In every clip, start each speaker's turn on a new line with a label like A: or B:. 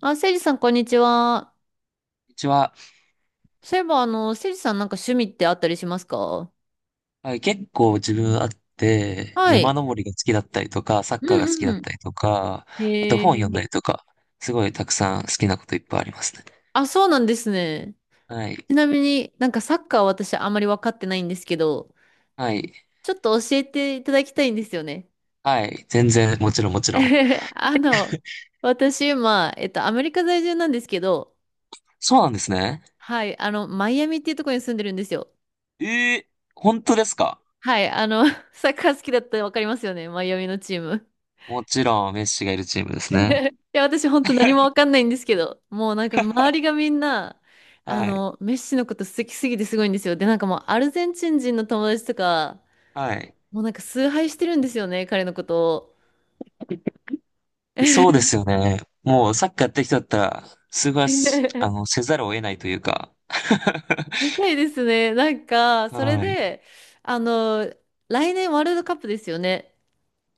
A: あ、せいじさん、こんにちは。
B: うちは、
A: そういえば、せいじさん、なんか趣味ってあったりしますか？
B: はい結構自分あって、
A: は
B: 山
A: い。
B: 登りが好きだったりとか、サッ
A: う
B: カーが好き
A: ん
B: だ
A: う
B: っ
A: ん。
B: たりとか、あと本
A: へ
B: 読ん
A: え。
B: だりとか、すごいたくさん好きなこといっぱいありますね。
A: あ、そうなんですね。
B: はい。
A: ちなみになんかサッカーは私あんまり分かってないんですけど、
B: はい。
A: ちょっと教えていただきたいんですよね。
B: はい。全然、もちろんもちろん。
A: あの、私今、アメリカ在住なんですけど、
B: そうなんですね。
A: はい、マイアミっていうところに住んでるんですよ。
B: えー、本当ですか？
A: はい、サッカー好きだったら分かりますよね、マイアミのチーム。
B: もちろん、メッシがいるチームです
A: い
B: ね。
A: や、私本当何もわかんないんですけど、もうなんか周りが みんな、
B: はい。
A: メッシのこと好きすぎてすごいんですよ。で、なんかもうアルゼンチン人の友達とか、
B: はい。
A: もうなんか崇拝してるんですよね、彼のことを。
B: そうですよ ね。もうサッカーやってる人だったら、すごいせざるを得ないというか。
A: みたいですね。なんか、それ
B: はい。
A: で、あの、来年ワールドカップですよね。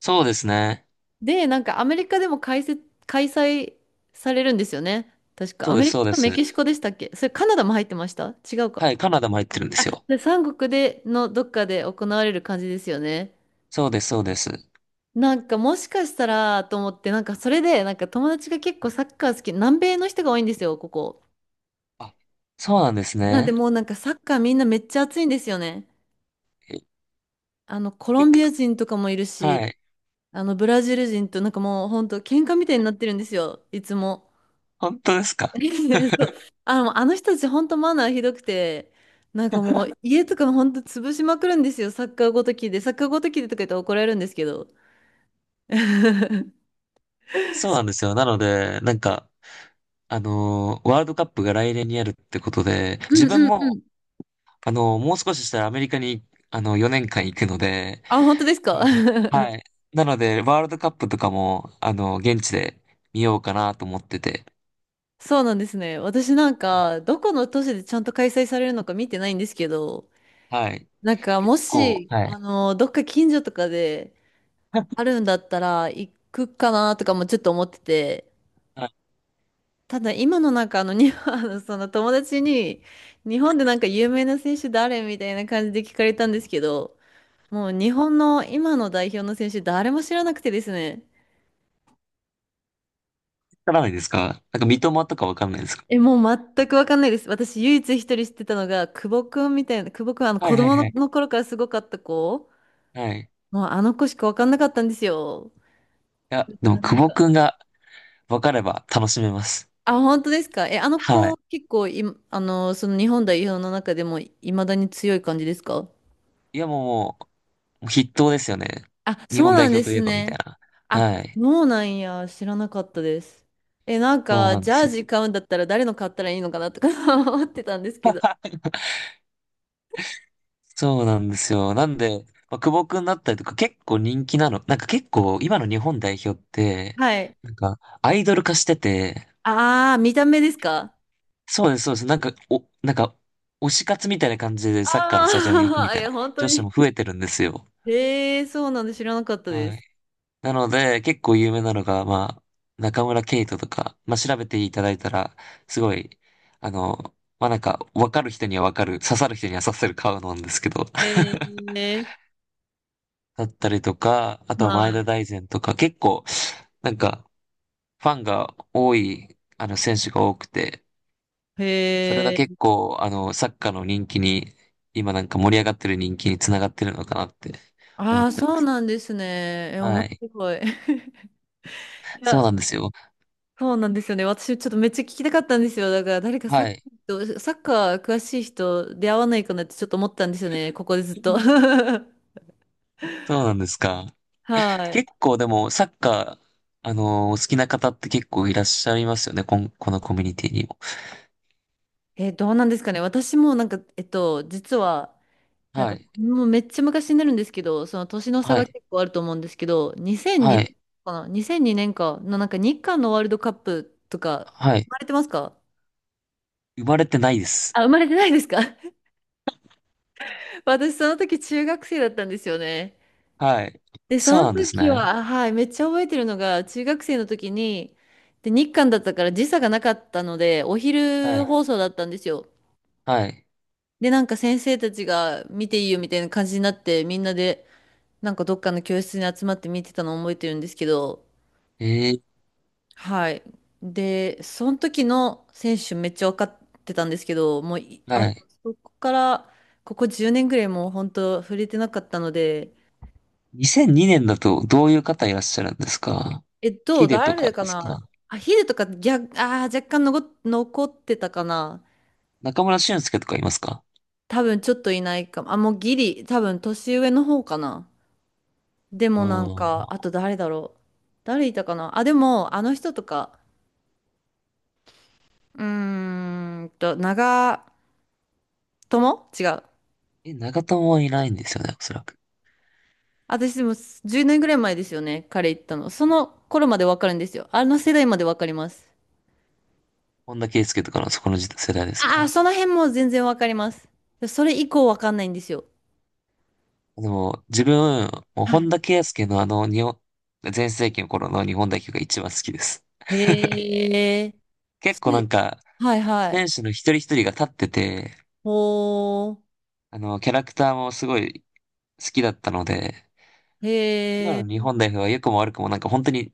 B: そうですね。
A: で、なんかアメリカでも開催されるんですよね。確か、
B: そ
A: ア
B: うで
A: メ
B: す、
A: リカ
B: そうで
A: とメ
B: す。
A: キシコでしたっけ？それカナダも入ってました？違うか。
B: はい、カナダも入ってるんで
A: あ、
B: すよ。
A: で、三国でのどっかで行われる感じですよね。
B: そうです、そうです。
A: なんかもしかしたらと思って、なんかそれで、なんか友達が結構サッカー好き、南米の人が多いんですよ、ここ。
B: あ、そうなんです
A: なんで
B: ね。
A: もうなんかサッカーみんなめっちゃ熱いんですよね。
B: え
A: コロンビア
B: い
A: 人とかもいる
B: は
A: し、
B: い。
A: ブラジル人となんかもうほんと喧嘩みたいになってるんですよ、いつも。
B: 本当ですか。
A: そう、あの人たちほんとマナーひどくて、なんかもう家とかほんと潰しまくるんですよ、サッカーごときで。サッカーごときでとか言ったら怒られるんですけど。
B: そうなんですよ。なので、なんか、ワールドカップが来年にあるってことで、
A: うん
B: 自分
A: うんう
B: も、
A: ん。
B: もう少ししたらアメリカに、4年間行くので、
A: あ、本当です
B: な
A: か？
B: ので、は い。なので、ワールドカップとかも、現地で見ようかなと思ってて、
A: そうなんですね。私なん
B: はい。
A: か、どこの都市でちゃんと開催されるのか見てないんですけど、
B: はい。
A: なんか、もし、
B: はい。
A: どっか近所とかであるんだったら、行くかなとかもちょっと思ってて、
B: あ、わ
A: ただ今のなんか、その友達に、日本でなんか有名な選手誰みたいな感じで聞かれたんですけど、もう日本の今の代表の選手誰も知らなくてですね。
B: からないですか？なんか、三笘とかわかんないですか？
A: え、もう全くわかんないです。私、唯一一人知ってたのが、久保くんみたいな、久保くん、
B: はい、
A: 子
B: はい、
A: 供
B: はい。
A: の頃からすごかった子、
B: はい。
A: もうあの子しかわかんなかったんですよ。
B: いや、
A: だか
B: でも、
A: らな
B: 久
A: ん
B: 保
A: か、
B: くんが分かれば楽しめます。
A: あ、本当ですか？え、あの
B: は
A: 子、
B: い。
A: 結構い、その日本代表の中でも、いまだに強い感じですか？
B: いや、もう、もう、筆頭ですよね。
A: あ、
B: 日
A: そう
B: 本
A: な
B: 代
A: んで
B: 表とい
A: す
B: えば、みたい
A: ね。
B: な。
A: あ、
B: はい。
A: そうなんや、知らなかったです。え、なん
B: そう
A: か、
B: なん
A: ジ
B: で
A: ャー
B: すよ。
A: ジ買うんだったら誰の買ったらいいのかなとか 思ってたんですけど。
B: そうなんですよ。なんで、まあ、久保くんだったりとか、結構人気なの。なんか結構、今の日本代表って、
A: はい。
B: なんか、アイドル化してて、
A: ああ、見た目ですか？
B: そうです、そうです。なんか、推し活みたいな感じでサッカーのスタジアムに行く
A: あ
B: み
A: あ、
B: た
A: い
B: いな
A: や、本当
B: 女子
A: に。
B: も増えてるんですよ。
A: へえ、そうなんで知らなかったで
B: はい。
A: す。
B: なので、結構有名なのが、まあ、中村ケイトとか、まあ、調べていただいたら、すごい、あの、まあ、なんか、わかる人にはわかる、刺さる人には刺さる顔なんですけど、
A: へ え、
B: だったりとか、あとは前田
A: は
B: 大然とか、結構、なんか、ファンが多い、選手が多くて、
A: い。
B: それ
A: へ
B: が
A: え、
B: 結構、サッカーの人気に、今なんか盛り上がってる人気につながってるのかなって思
A: あ
B: っ
A: あ、
B: てま
A: そう
B: す。
A: なんですね。え、面
B: はい。
A: 白い。い
B: そう
A: や、
B: なんですよ。
A: そうなんですよね。私、ちょっとめっちゃ聞きたかったんですよ。だから、誰かサッ
B: はい。
A: カー、サッカー詳しい人出会わないかなってちょっと思ったんですよね。ここでずっと。
B: そうなんですか。
A: はい。
B: 結構でも、サッカー、お好きな方って結構いらっしゃいますよね。このコミュニティにも。
A: え、どうなんですかね。私もなんか、実は、なん
B: は
A: か、
B: い。
A: もうめっちゃ昔になるんですけど、その年の差
B: は
A: が
B: い。
A: 結構あると思うんですけど、2002
B: はい。
A: 年かな？ 2002 年かのなんか日韓のワールドカップとか、
B: は
A: 生
B: い。
A: まれてますか？
B: 生まれてないです。
A: あ、生まれてないですか？ 私その時中学生だったんですよね。
B: はい。
A: で、そ
B: そう
A: の
B: なんです
A: 時
B: ね。
A: は、はい、めっちゃ覚えてるのが、中学生の時に、で、日韓だったから時差がなかったので、お
B: は
A: 昼
B: い。
A: 放送だったんですよ。
B: はい。
A: で、なんか先生たちが見ていいよみたいな感じになって、みんなで、なんかどっかの教室に集まって見てたのを覚えてるんですけど、
B: えー、
A: はい。で、その時の選手めっちゃ分かってたんですけど、もうい、
B: は
A: あ、
B: い。
A: そこから、ここ10年ぐらいもう本当触れてなかったので、
B: 2002年だとどういう方いらっしゃるんですか？ヒデとか
A: 誰か
B: です
A: な。
B: か？
A: あ、ヒデとか逆、若干残ってたかな。
B: 中村俊輔とかいますか？
A: 多分ちょっといないかも。あ、もうギリ、多分年上の方かな。で
B: ああ
A: もなんか、
B: ー。
A: あと誰だろう、誰いたかな。あ、でも、あの人とか、長友違う。
B: え、長友はいないんですよね、おそらく。
A: 私でも10年ぐらい前ですよね、彼行ったの。その頃までわかるんですよ。あの世代までわかります。
B: 本田圭佑とかのそこの時世代です
A: ああ、
B: か？
A: その辺も全然わかります。それ以降わかんないんですよ。
B: でも、自分、もう
A: は
B: 本
A: い。
B: 田圭佑の全盛期の頃の日本代表が一番好きです。
A: へえ。
B: 結
A: す
B: 構なんか、
A: はいは
B: 選
A: い。
B: 手の一人一人が立ってて、
A: ほー。
B: キャラクターもすごい好きだったので、今
A: へえ。
B: の日本代表は良くも悪くもなんか本当に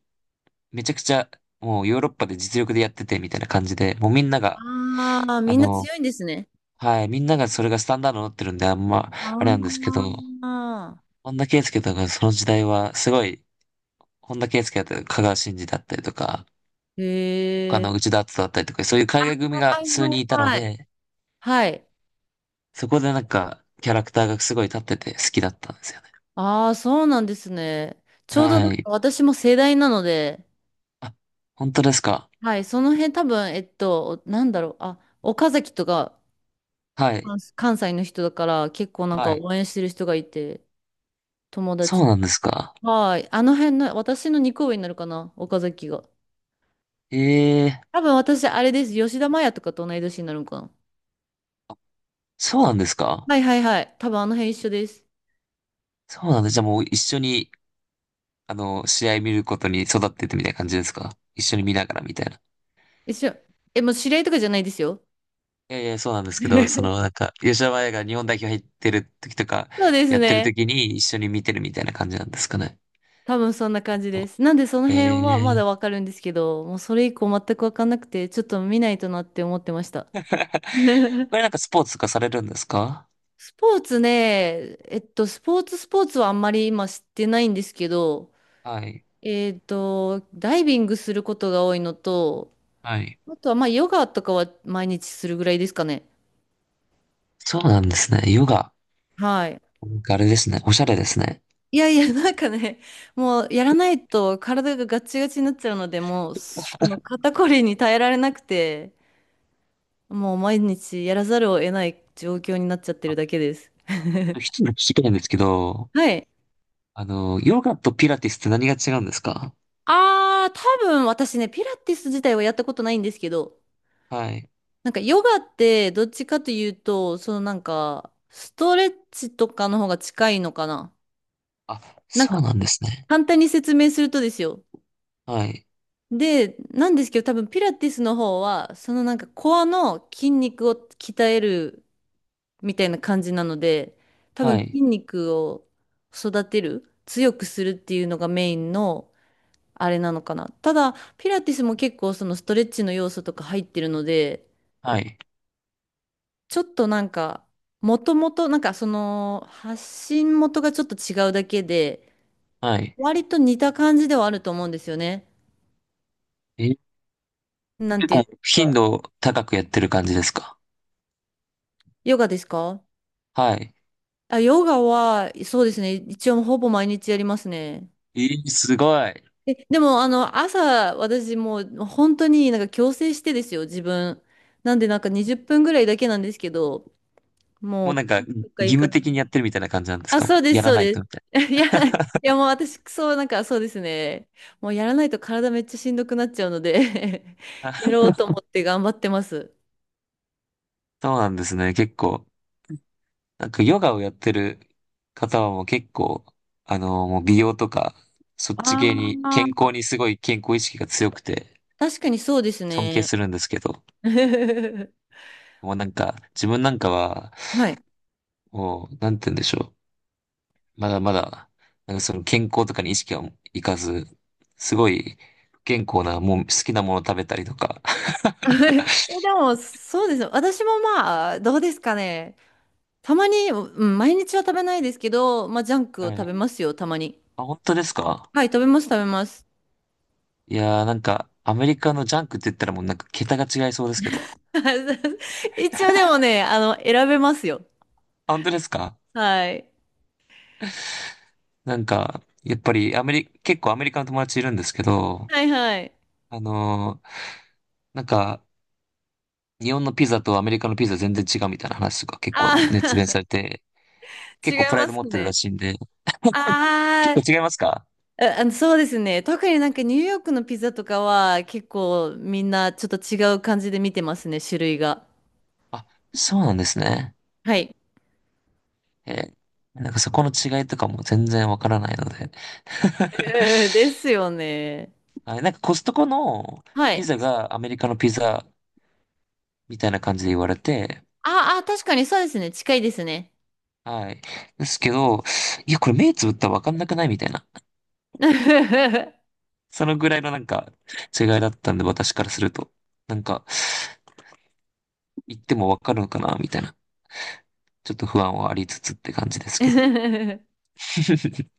B: めちゃくちゃ、もうヨーロッパで実力でやっててみたいな感じで、もうみんなが、
A: ああ、
B: あ
A: みんな
B: の、
A: 強いんですね。
B: はい、みんながそれがスタンダードになってるんで、あんま、
A: あ
B: あれなんですけど、
A: ーああ。
B: 本田圭佑とかその時代はすごい、本田圭佑だったり、香川真司だったりとか、他
A: へえ。
B: の内田篤人だったりとか、そういう海外組が
A: はいは
B: 数人
A: い
B: いたの
A: はい。
B: で、
A: はい。
B: そこでなんか、キャラクターがすごい立ってて好きだったんですよね。
A: ああ、そうなんですね。ちょうどなん
B: は
A: か
B: い。
A: 私も世代なので、
B: あ、本当ですか。
A: はい、その辺多分、なんだろう、あ、岡崎とか
B: はい。
A: 関西の人だから結構なん
B: は
A: か
B: い。
A: 応援してる人がいて、友
B: そう
A: 達。
B: なんですか。
A: はい、あの辺の、私の2個上になるかな、岡崎が。
B: ええ、
A: 多分私、あれです、吉田麻也とかと同い年になるのかな。
B: そうなんですか。
A: はいはいはい、多分あの辺一緒です。
B: そうなんです。じゃあもう一緒に、試合見ることに育っててみたいな感じですか。一緒に見ながらみたいな。
A: 一緒。え、もう知り合いとかじゃないですよ。
B: いやいや、そうなんですけど、なんか、吉田麻也が日本代表入ってる時とか、
A: そうです
B: やってる
A: ね。
B: 時に一緒に見てるみたいな感じなんですかね。
A: 多分そんな感じ
B: と
A: です。なんでその
B: へ
A: 辺はま
B: え。
A: だわかるんですけど、もうそれ以降全くわかんなくて、ちょっと見ないとなって思ってました。
B: これ なんかスポーツとかされるんですか？
A: スポーツね、スポーツはあんまり今知ってないんですけど、
B: はい。
A: ダイビングすることが多いのと、
B: はい。
A: あとはまあヨガとかは毎日するぐらいですかね。
B: そうなんですね。ヨガ。
A: はい。
B: なんかあれですね。おしゃれですね。
A: いやいや、なんかね、もうやらないと体がガチガチになっちゃうので、もうその肩こりに耐えられなくて、もう毎日やらざるを得ない状況になっちゃってる
B: あ、
A: だけです。
B: 一つ聞きたいんですけど、
A: はい。
B: ヨガとピラティスって何が違うんですか？
A: あー、多分私ね、ピラティス自体はやったことないんですけど、
B: はい。
A: なんかヨガってどっちかというと、そのなんかストレッチとかの方が近いのかな。
B: あ、
A: なん
B: そ
A: か
B: うなんですね。
A: 簡単に説明するとですよ。
B: はい。
A: で、なんですけど多分ピラティスの方は、そのなんかコアの筋肉を鍛えるみたいな感じなので、多
B: は
A: 分
B: い。
A: 筋肉を育てる、強くするっていうのがメインのあれなのかな。ただ、ピラティスも結構そのストレッチの要素とか入ってるので、
B: はい。
A: ちょっとなんか、もともと、なんかその、発信元がちょっと違うだけで、
B: はい。
A: 割と似た感じではあると思うんですよね。
B: え、
A: なん
B: 結
A: ていうん
B: 構
A: です
B: 頻
A: か。
B: 度高くやってる感じですか？
A: ヨガですか？
B: はい。
A: あ、ヨガは、そうですね。一応ほぼ毎日やりますね。
B: えすごい。
A: え、でも、朝、私もう本当になんか強制してですよ、自分。なんで、なんか20分ぐらいだけなんですけど、
B: もうな
A: も
B: んか
A: う、
B: 義
A: どっか行か
B: 務的にやってるみたいな感じなんです
A: あ、
B: か？
A: そうで
B: や
A: す、
B: ら
A: そう
B: ない
A: で
B: と
A: す。
B: みたい
A: いや、いやもう私、そう、なんかそうですね。もうやらないと体めっちゃしんどくなっちゃうので
B: な。
A: やろ うと思って頑張ってます。
B: そうなんですね。結構。なんかヨガをやってる方はもう結構、もう美容とか、そっち系に、
A: あ
B: 健
A: あ、
B: 康にすごい健康意識が強くて、
A: 確かにそうです
B: 尊敬
A: ね。
B: するんですけど、もうなんか、自分なんかは、
A: はい。
B: もう、なんて言うんでしょう。まだまだ、なんかその健康とかに意識はいかず、すごい不健康な、もう好きなものを食べたりとか。
A: でも、そうですね。私もまあ、どうですかね。たまに、うん、毎日は食べないですけど、まあ、ジャンクを
B: は
A: 食
B: い。
A: べますよ、たまに。
B: あ、本当ですか？
A: はい、食べます、食べます。
B: いやー、なんか、アメリカのジャンクって言ったらもうなんか桁が違いそうですけど。
A: 一応でもね、選べますよ。
B: あ、本当ですか？
A: はい。
B: なんか、やっぱりアメリ、結構アメリカの友達いるんですけど、
A: はい、はい。
B: あのーなんか、日本のピザとアメリカのピザ全然違うみたいな話とか結構熱弁
A: あ
B: されて、
A: ー
B: 結構
A: 違
B: プ
A: い
B: ライ
A: ま
B: ド
A: す
B: 持ってるら
A: ね。
B: しいんで、
A: あ
B: 結
A: ー
B: 構違いますか？
A: あ、ああの、そうですね。特になんかニューヨークのピザとかは結構みんなちょっと違う感じで見てますね、種類が。
B: あ、そうなんですね。
A: はい。
B: えーなんかそこの違いとかも全然わからないので。
A: えーですよね。
B: はい、なんかコストコの
A: は
B: ピ
A: い。
B: ザがアメリカのピザみたいな感じで言われて、
A: ああ、確かにそうですね。近いですね。
B: はい。ですけど、いや、これ目つぶったらわかんなくないみたいな。そのぐらいのなんか違いだったんで、私からすると。なんか、言ってもわかるのかなみたいな。ちょっと不安はありつつって感じですけど。